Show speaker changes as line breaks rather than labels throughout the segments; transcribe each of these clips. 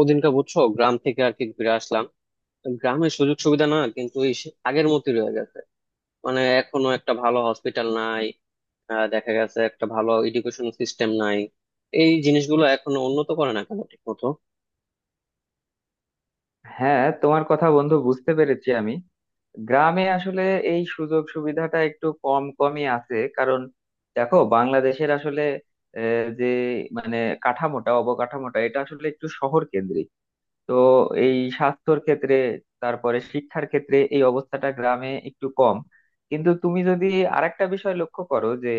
ওদিনকে বুঝছো, গ্রাম থেকে আর কি ঘুরে আসলাম। গ্রামের সুযোগ সুবিধা না কিন্তু এই আগের মতোই রয়ে গেছে। মানে এখনো একটা ভালো হসপিটাল নাই। দেখা গেছে একটা ভালো এডুকেশন সিস্টেম নাই। এই জিনিসগুলো এখনো উন্নত করে না কেন ঠিক মতো?
হ্যাঁ, তোমার কথা বন্ধু বুঝতে পেরেছি আমি। গ্রামে আসলে এই সুযোগ সুবিধাটা একটু কম কমই আছে, কারণ দেখো বাংলাদেশের আসলে আহ, যে মানে কাঠামোটা অবকাঠামোটা এটা আসলে একটু শহর কেন্দ্রিক। তো এই স্বাস্থ্যর ক্ষেত্রে, তারপরে শিক্ষার ক্ষেত্রে এই অবস্থাটা গ্রামে একটু কম। কিন্তু তুমি যদি আরেকটা বিষয় লক্ষ্য করো, যে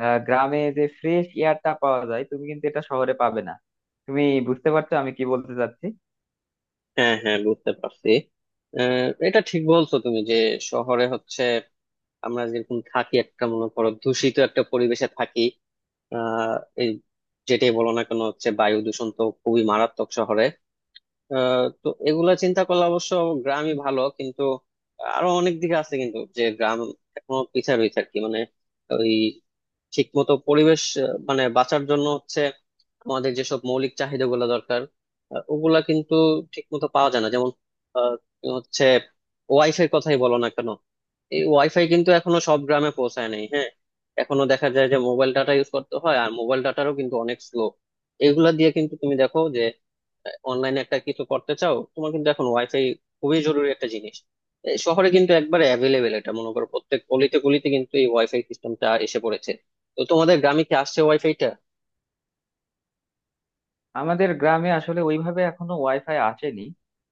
গ্রামে যে ফ্রেশ এয়ারটা পাওয়া যায় তুমি কিন্তু এটা শহরে পাবে না। তুমি বুঝতে পারছো আমি কি বলতে চাচ্ছি?
হ্যাঁ, হ্যাঁ, বুঝতে পারছি। এটা ঠিক বলছো তুমি যে শহরে হচ্ছে আমরা যেরকম থাকি, একটা মনে করো দূষিত একটা পরিবেশে থাকি। আহ এই যেটাই বলো না কেন হচ্ছে বায়ু দূষণ তো খুবই মারাত্মক শহরে। তো এগুলা চিন্তা করলে অবশ্য গ্রামই ভালো, কিন্তু আরো অনেক দিকে আছে কিন্তু যে গ্রাম এখনো পিছিয়ে রয়েছে আর কি। মানে ওই ঠিক মতো পরিবেশ, মানে বাঁচার জন্য হচ্ছে আমাদের যেসব মৌলিক চাহিদা গুলা দরকার, ওগুলা কিন্তু ঠিক মতো পাওয়া যায় না। যেমন আহ, হচ্ছে ওয়াইফাই কথাই বলো না কেন, এই ওয়াইফাই কিন্তু এখনো সব গ্রামে পৌঁছায় নাই। হ্যাঁ, এখনো দেখা যায় যে মোবাইল ডাটা ইউজ করতে হয়, আর মোবাইল ডাটারও কিন্তু অনেক স্লো। এগুলা দিয়ে কিন্তু তুমি দেখো যে অনলাইনে একটা কিছু করতে চাও, তোমার কিন্তু এখন ওয়াইফাই খুবই জরুরি একটা জিনিস। এই শহরে কিন্তু একবারে অ্যাভেলেবেল, এটা মনে করো প্রত্যেক অলিতে গলিতে কিন্তু এই ওয়াইফাই সিস্টেমটা এসে পড়েছে। তো তোমাদের গ্রামে কি আসছে ওয়াইফাইটা?
আমাদের গ্রামে আসলে ওইভাবে এখনো ওয়াইফাই আসেনি,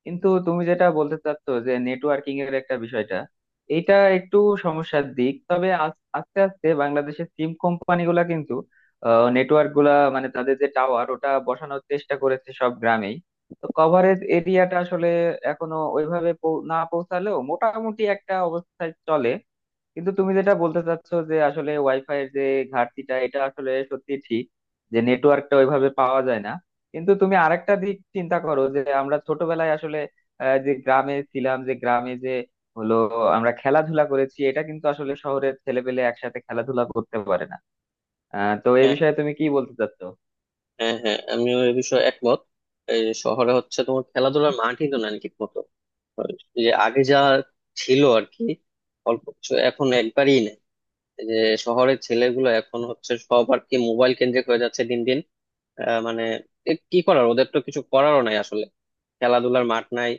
কিন্তু তুমি যেটা বলতে চাচ্ছ যে নেটওয়ার্কিং এর একটা বিষয়টা, এটা একটু সমস্যার দিক। তবে আস্তে আস্তে বাংলাদেশের সিম কোম্পানিগুলা কিন্তু নেটওয়ার্ক গুলা, মানে তাদের যে টাওয়ার ওটা বসানোর চেষ্টা করেছে সব গ্রামেই। তো কভারেজ এরিয়াটা আসলে এখনো ওইভাবে না পৌঁছালেও মোটামুটি একটা অবস্থায় চলে। কিন্তু তুমি যেটা বলতে চাচ্ছো যে আসলে ওয়াইফাই এর যে ঘাটতিটা, এটা আসলে সত্যি ঠিক যে নেটওয়ার্কটা ওইভাবে পাওয়া যায় না। কিন্তু তুমি আরেকটা দিক চিন্তা করো, যে আমরা ছোটবেলায় আসলে যে গ্রামে ছিলাম, যে গ্রামে যে হলো আমরা খেলাধুলা করেছি, এটা কিন্তু আসলে শহরের ছেলেপেলে একসাথে খেলাধুলা করতে পারে না। তো এই
হ্যাঁ,
বিষয়ে তুমি কি বলতে চাচ্ছো?
হ্যাঁ, হ্যাঁ, আমিও এ বিষয়ে একমত। এই শহরে হচ্ছে তোমার খেলাধুলার মাঠই তো নাই ঠিক মতো। যে আগে যা ছিল আর কি, অল্প কিছু, এখন একবারই নেই। এই যে শহরের ছেলেগুলো এখন হচ্ছে সব আর কি মোবাইল কেন্দ্রিক হয়ে যাচ্ছে দিন দিন। মানে এ কি করার, ওদের তো কিছু করারও নাই আসলে। খেলাধুলার মাঠ নাই,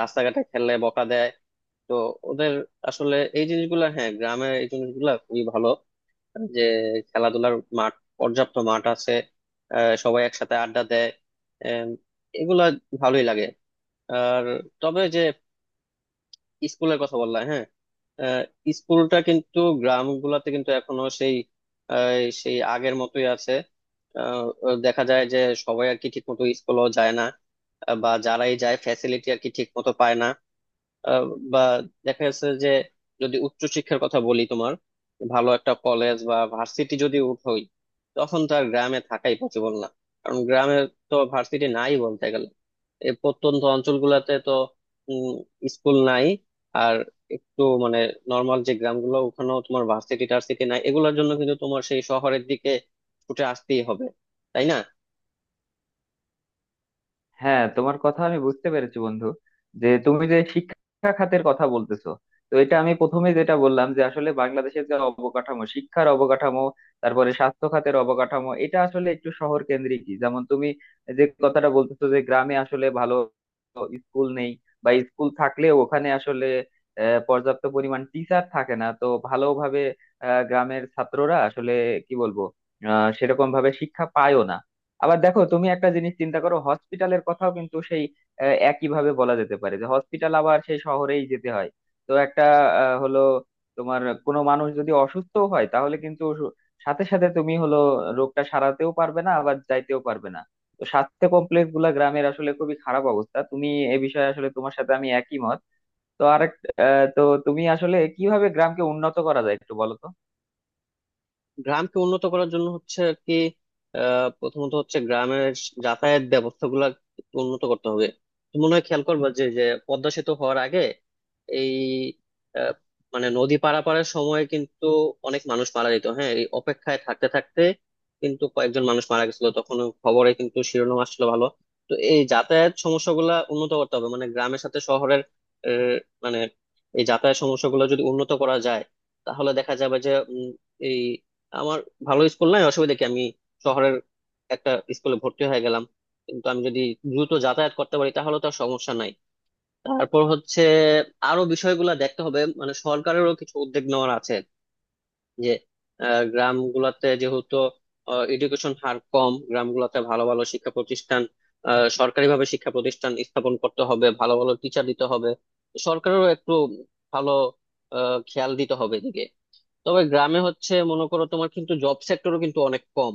রাস্তাঘাটে খেললে বকা দেয়। তো ওদের আসলে এই জিনিসগুলা, হ্যাঁ, গ্রামের এই জিনিসগুলা খুবই ভালো। যে খেলাধুলার মাঠ, পর্যাপ্ত মাঠ আছে, সবাই একসাথে আড্ডা দেয়। এম, এগুলা ভালোই লাগে। আর তবে যে স্কুলের কথা বললাম, হ্যাঁ, আহ, স্কুলটা কিন্তু গ্রামগুলোতে কিন্তু এখনো সেই আহ, সেই আগের মতোই আছে। আহ, দেখা যায় যে সবাই আর কি ঠিক মতো স্কুলও যায় না, বা যারাই যায় ফ্যাসিলিটি আর কি ঠিক মতো পায় না। আহ, বা দেখা যাচ্ছে যে যদি উচ্চশিক্ষার কথা বলি, তোমার ভালো একটা কলেজ বা ভার্সিটি যদি উঠোই, তখন তো আর গ্রামে থাকাই পসিবল না। কারণ গ্রামে তো ভার্সিটি নাই বলতে গেলে, এই প্রত্যন্ত অঞ্চলগুলোতে তো উম, স্কুল নাই। আর একটু মানে নর্মাল যে গ্রামগুলো, ওখানেও তোমার ভার্সিটি টার্সিটি নাই, এগুলোর জন্য কিন্তু তোমার সেই শহরের দিকে ছুটে আসতেই হবে, তাই না?
হ্যাঁ, তোমার কথা আমি বুঝতে পেরেছি বন্ধু, যে তুমি যে শিক্ষা খাতের কথা বলতেছো, তো এটা আমি প্রথমে যেটা বললাম যে আসলে বাংলাদেশের যে অবকাঠামো, শিক্ষার অবকাঠামো, তারপরে স্বাস্থ্য খাতের অবকাঠামো, এটা আসলে একটু শহর কেন্দ্রিকই। যেমন তুমি যে কথাটা বলতেছো যে গ্রামে আসলে ভালো স্কুল নেই, বা স্কুল থাকলেও ওখানে আসলে পর্যাপ্ত পরিমাণ টিচার থাকে না তো ভালোভাবে। গ্রামের ছাত্ররা আসলে, কি বলবো, সেরকম ভাবে শিক্ষা পায়ও না। আবার দেখো, তুমি একটা জিনিস চিন্তা করো, হসপিটালের কথাও কিন্তু সেই একইভাবে বলা যেতে পারে যে হসপিটাল আবার সেই শহরেই যেতে হয়। তো একটা আহ, হলো তোমার কোনো মানুষ যদি অসুস্থ হয় তাহলে কিন্তু সাথে সাথে তুমি রোগটা সারাতেও পারবে না, আবার যাইতেও পারবে না। তো স্বাস্থ্য কমপ্লেক্স গুলা গ্রামের আসলে খুবই খারাপ অবস্থা। তুমি, এ বিষয়ে আসলে তোমার সাথে আমি একই মত। তো তো তুমি আসলে কিভাবে গ্রামকে উন্নত করা যায় একটু বলো তো।
গ্রামকে উন্নত করার জন্য হচ্ছে আর কি, প্রথমত হচ্ছে গ্রামের যাতায়াত ব্যবস্থা গুলা উন্নত করতে হবে। তুমি মনে হয় খেয়াল করবা যে যে পদ্মা সেতু হওয়ার আগে এই আহ, মানে নদী পারাপারের সময় কিন্তু অনেক মানুষ মারা যেত, হ্যাঁ, এই অপেক্ষায় থাকতে থাকতে। কিন্তু কয়েকজন মানুষ মারা গেছিল তখন, খবরে কিন্তু শিরোনাম আসছিল ভালো। তো এই যাতায়াত সমস্যাগুলা উন্নত করতে হবে মানে গ্রামের সাথে শহরের। আহ, মানে এই যাতায়াত সমস্যাগুলো যদি উন্নত করা যায়, তাহলে দেখা যাবে যে উম, এই আমার ভালো স্কুল নাই অসুবিধা কি, আমি শহরের একটা স্কুলে ভর্তি হয়ে গেলাম। কিন্তু আমি যদি দ্রুত যাতায়াত করতে পারি, তাহলে তো আর সমস্যা নাই। তারপর হচ্ছে আরো বিষয়গুলো দেখতে হবে, মানে সরকারেরও কিছু উদ্যোগ নেওয়ার আছে। যে গ্রামগুলাতে যেহেতু এডুকেশন হার কম, গ্রামগুলাতে ভালো ভালো শিক্ষা প্রতিষ্ঠান, সরকারিভাবে শিক্ষা প্রতিষ্ঠান স্থাপন করতে হবে, ভালো ভালো টিচার দিতে হবে। সরকারেরও একটু ভালো খেয়াল দিতে হবে এদিকে। তবে গ্রামে হচ্ছে মনে করো তোমার কিন্তু জব সেক্টরও কিন্তু অনেক কম।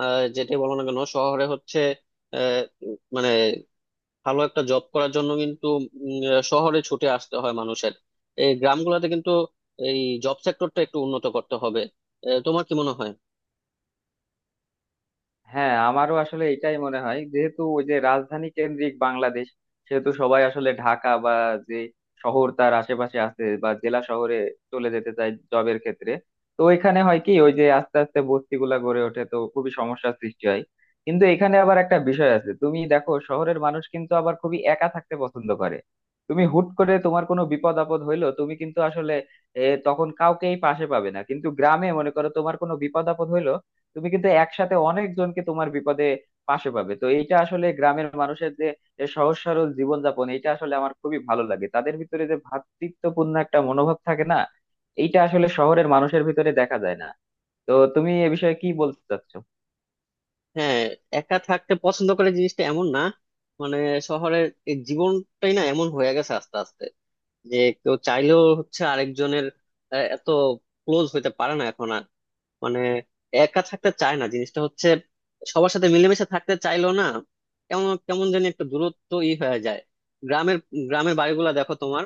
যেটাই বলো না কেন শহরে হচ্ছে মানে ভালো একটা জব করার জন্য কিন্তু শহরে ছুটে আসতে হয় মানুষের। এই গ্রামগুলোতে কিন্তু এই জব সেক্টরটা একটু উন্নত করতে হবে। তোমার কি মনে হয়?
হ্যাঁ, আমারও আসলে এটাই মনে হয়, যেহেতু ওই যে রাজধানী কেন্দ্রিক বাংলাদেশ, সেহেতু সবাই আসলে ঢাকা বা যে শহর তার আশেপাশে আছে বা জেলা শহরে চলে যেতে চায় জবের ক্ষেত্রে। তো এখানে হয় কি, ওই যে আস্তে আস্তে বস্তিগুলা গড়ে ওঠে, তো খুবই সমস্যার সৃষ্টি হয়। কিন্তু এখানে আবার একটা বিষয় আছে, তুমি দেখো শহরের মানুষ কিন্তু আবার খুবই একা থাকতে পছন্দ করে। তুমি হুট করে তোমার কোনো বিপদ আপদ হইলো, তুমি কিন্তু আসলে তখন কাউকেই পাশে পাবে না। কিন্তু গ্রামে মনে করো তোমার কোনো বিপদ আপদ হইলো, তুমি কিন্তু একসাথে অনেকজনকে তোমার বিপদে পাশে পাবে। তো এইটা আসলে গ্রামের মানুষের যে যে সহজ সরল জীবনযাপন, এটা আসলে আমার খুবই ভালো লাগে। তাদের ভিতরে যে ভ্রাতৃত্বপূর্ণ একটা মনোভাব থাকে না, এইটা আসলে শহরের মানুষের ভিতরে দেখা যায় না। তো তুমি এ বিষয়ে কি বলতে চাচ্ছো?
হ্যাঁ, একা থাকতে পছন্দ করে জিনিসটা এমন না, মানে শহরের এই জীবনটাই না এমন হয়ে গেছে আস্তে আস্তে। যে কেউ চাইলেও হচ্ছে আরেকজনের এত ক্লোজ হইতে পারে না এখন আর। মানে একা থাকতে চায় না জিনিসটা হচ্ছে, সবার সাথে মিলেমিশে থাকতে চাইলো না, কেমন কেমন যেন একটা দূরত্ব ই হয়ে যায়। গ্রামের গ্রামের বাড়িগুলা দেখো তোমার,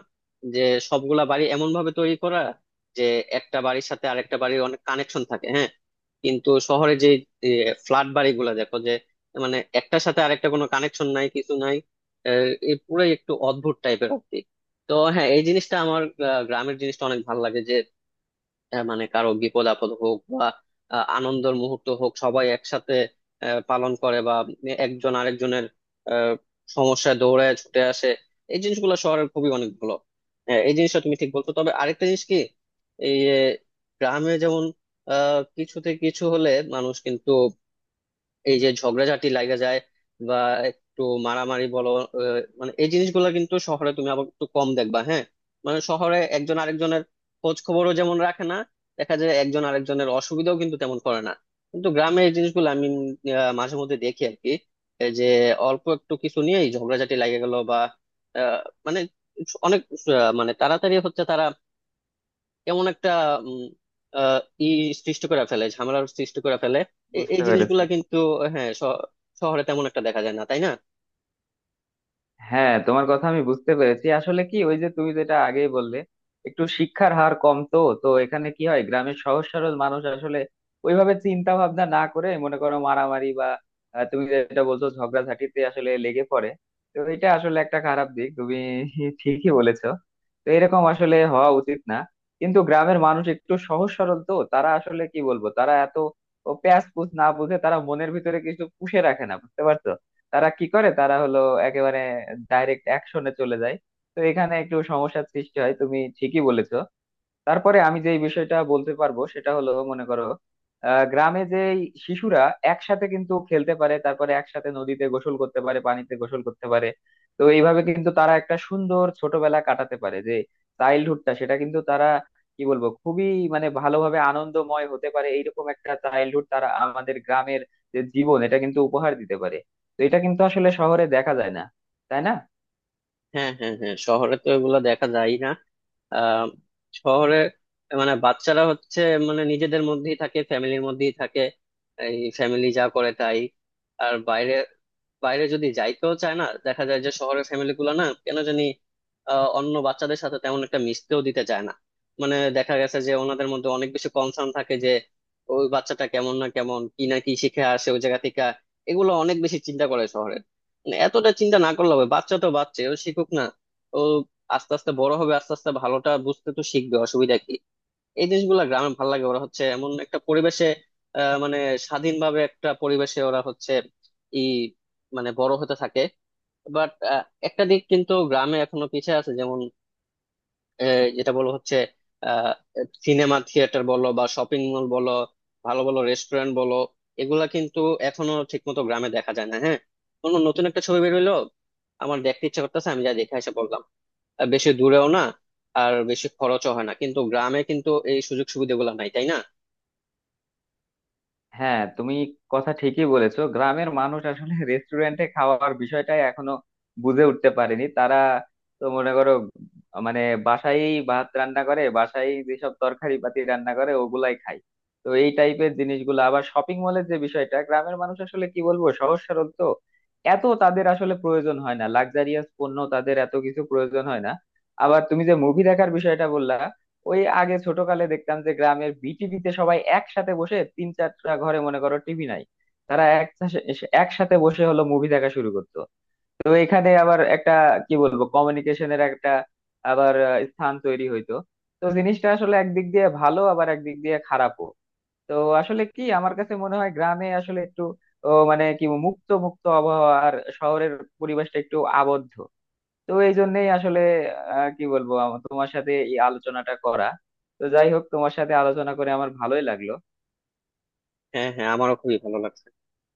যে সবগুলা বাড়ি এমন ভাবে তৈরি করা যে একটা বাড়ির সাথে আরেকটা বাড়ির অনেক কানেকশন থাকে, হ্যাঁ। কিন্তু শহরে যে ফ্ল্যাট বাড়িগুলা দেখো, যে মানে একটার সাথে আরেকটা কোনো কানেকশন নাই কিছু নাই। এ পুরাই একটু অদ্ভুত টাইপের আর কি। তো হ্যাঁ, এই জিনিসটা আমার গ্রামের জিনিসটা অনেক ভালো লাগে। মানে কারো বিপদ আপদ হোক বা আনন্দের মুহূর্ত হোক, সবাই একসাথে পালন করে বা একজন আরেকজনের আহ, সমস্যায় দৌড়ে ছুটে আসে। এই জিনিসগুলো শহরের খুবই অনেক ভালো। এই জিনিসটা তুমি ঠিক বলছো, তবে আরেকটা জিনিস কি, এই আহ, গ্রামে যেমন কিছুতে কিছু হলে মানুষ কিন্তু এই যে ঝগড়াঝাটি লাগা যায় বা একটু মারামারি বলো, মানে এই জিনিসগুলো কিন্তু শহরে তুমি আবার একটু কম দেখবা। হ্যাঁ, মানে শহরে একজন আরেকজনের খোঁজ খবরও যেমন রাখে না, দেখা যায় একজন আরেকজনের অসুবিধাও কিন্তু তেমন করে না। কিন্তু গ্রামে এই জিনিসগুলো আমি মাঝে মধ্যে দেখি আর কি। এই যে অল্প একটু কিছু নিয়েই ঝগড়াঝাটি লাগে গেল বা আহ, মানে অনেক আহ, মানে তাড়াতাড়ি হচ্ছে তারা কেমন একটা উম, আহ, ই সৃষ্টি করে ফেলে, ঝামেলার সৃষ্টি করে ফেলে। এই
বুঝতে পেরেছি।
জিনিসগুলা কিন্তু, হ্যাঁ, শহরে তেমন একটা দেখা যায় না, তাই না?
হ্যাঁ, তোমার কথা আমি বুঝতে পেরেছি। আসলে কি, ওই যে তুমি যেটা আগেই বললে, একটু শিক্ষার হার কম, তো তো এখানে কি হয়, গ্রামের সহজ সরল মানুষ আসলে ওইভাবে চিন্তা ভাবনা না করে, মনে করো মারামারি বা তুমি যেটা বলছো ঝগড়াঝাটিতে আসলে লেগে পড়ে। তো এটা আসলে একটা খারাপ দিক, তুমি ঠিকই বলেছো। তো এরকম আসলে হওয়া উচিত না। কিন্তু গ্রামের মানুষ একটু সহজ সরল, তো তারা আসলে, কি বলবো, তারা এত প্যাঁচ পুচ না বুঝে, তারা মনের ভিতরে কিছু পুষে রাখে না, বুঝতে পারছো? তারা কি করে, তারা হলো একেবারে ডাইরেক্ট অ্যাকশনে চলে যায়। তো এখানে একটু সমস্যার সৃষ্টি হয়, তুমি ঠিকই বলেছো। তারপরে আমি যে বিষয়টা বলতে পারবো সেটা হলো, মনে করো গ্রামে যে শিশুরা একসাথে কিন্তু খেলতে পারে, তারপরে একসাথে নদীতে গোসল করতে পারে, পানিতে গোসল করতে পারে। তো এইভাবে কিন্তু তারা একটা সুন্দর ছোটবেলা কাটাতে পারে, যে চাইল্ডহুডটা, সেটা কিন্তু তারা, কি বলবো, খুবই, মানে ভালোভাবে আনন্দময় হতে পারে। এইরকম একটা চাইল্ডহুড তারা আমাদের গ্রামের যে জীবন, এটা কিন্তু উপহার দিতে পারে। তো এটা কিন্তু আসলে শহরে দেখা যায় না, তাই না?
হ্যাঁ, হ্যাঁ, হ্যাঁ, শহরে তো এগুলা দেখা যায় না। আহ শহরে মানে বাচ্চারা হচ্ছে মানে নিজেদের মধ্যেই থাকে, ফ্যামিলির মধ্যেই থাকে, এই ফ্যামিলি যা করে তাই। আর বাইরে বাইরে যদি যাইতেও চায় না, দেখা যায় যে শহরের ফ্যামিলি গুলো না কেন জানি অন্য বাচ্চাদের সাথে তেমন একটা মিশতেও দিতে চায় না। মানে দেখা গেছে যে ওনাদের মধ্যে অনেক বেশি কনসার্ন থাকে যে ওই বাচ্চাটা কেমন না কেমন কি না কি শিখে আসে ওই জায়গা থেকে, এগুলো অনেক বেশি চিন্তা করে শহরে। মানে এতটা চিন্তা না করলে হবে, বাচ্চা তো বাচ্চা, ও শিখুক না, ও আস্তে আস্তে বড় হবে, আস্তে আস্তে ভালোটা বুঝতে তো শিখবে, অসুবিধা কি। এই জিনিসগুলা গ্রামে ভালো লাগে, ওরা হচ্ছে এমন একটা পরিবেশে মানে স্বাধীনভাবে একটা পরিবেশে ওরা হচ্ছে ই মানে বড় হতে থাকে। বাট একটা দিক কিন্তু গ্রামে এখনো পিছিয়ে আছে, যেমন যেটা বলো হচ্ছে সিনেমা থিয়েটার বলো বা শপিং মল বলো, ভালো ভালো রেস্টুরেন্ট বলো, এগুলা কিন্তু এখনো ঠিকমতো গ্রামে দেখা যায় না। হ্যাঁ, কোনো নতুন একটা ছবি বের হইলো, আমার দেখতে ইচ্ছা করতেছে, আমি যা দেখে এসে বললাম, বেশি দূরেও না, আর বেশি খরচও হয় না। কিন্তু গ্রামে কিন্তু এই সুযোগ সুবিধাগুলো নাই, তাই না?
হ্যাঁ, তুমি কথা ঠিকই বলেছো। গ্রামের মানুষ আসলে রেস্টুরেন্টে খাওয়ার বিষয়টাই এখনো বুঝে উঠতে পারেনি তারা। তো মনে করো, মানে বাসায় ভাত রান্না করে, বাসায় যেসব তরকারি পাতি রান্না করে ওগুলাই খায়। তো এই টাইপের জিনিসগুলো, আবার শপিং মলের যে বিষয়টা, গ্রামের মানুষ আসলে, কি বলবো, সহজ সরল তো এত তাদের আসলে প্রয়োজন হয় না, লাক্সারিয়াস পণ্য তাদের এত কিছু প্রয়োজন হয় না। আবার তুমি যে মুভি দেখার বিষয়টা বললা, ওই আগে ছোটকালে দেখতাম যে গ্রামের বিটিভিতে সবাই একসাথে বসে, তিন চারটা ঘরে মনে করো টিভি নাই, তারা একসাথে একসাথে বসে মুভি দেখা শুরু করতো। তো এখানে আবার একটা, কি বলবো, কমিউনিকেশনের একটা আবার স্থান তৈরি হইতো। তো জিনিসটা আসলে একদিক দিয়ে ভালো, আবার একদিক দিয়ে খারাপও। তো আসলে কি, আমার কাছে মনে হয় গ্রামে আসলে একটু মানে কি মুক্ত মুক্ত আবহাওয়া, আর শহরের পরিবেশটা একটু আবদ্ধ। তো এই জন্যই আসলে কি বলবো, আমার তোমার সাথে এই আলোচনাটা করা। তো যাই হোক, তোমার সাথে আলোচনা করে আমার ভালোই লাগলো।
হ্যাঁ, হ্যাঁ, আমারও খুবই ভালো লাগছে।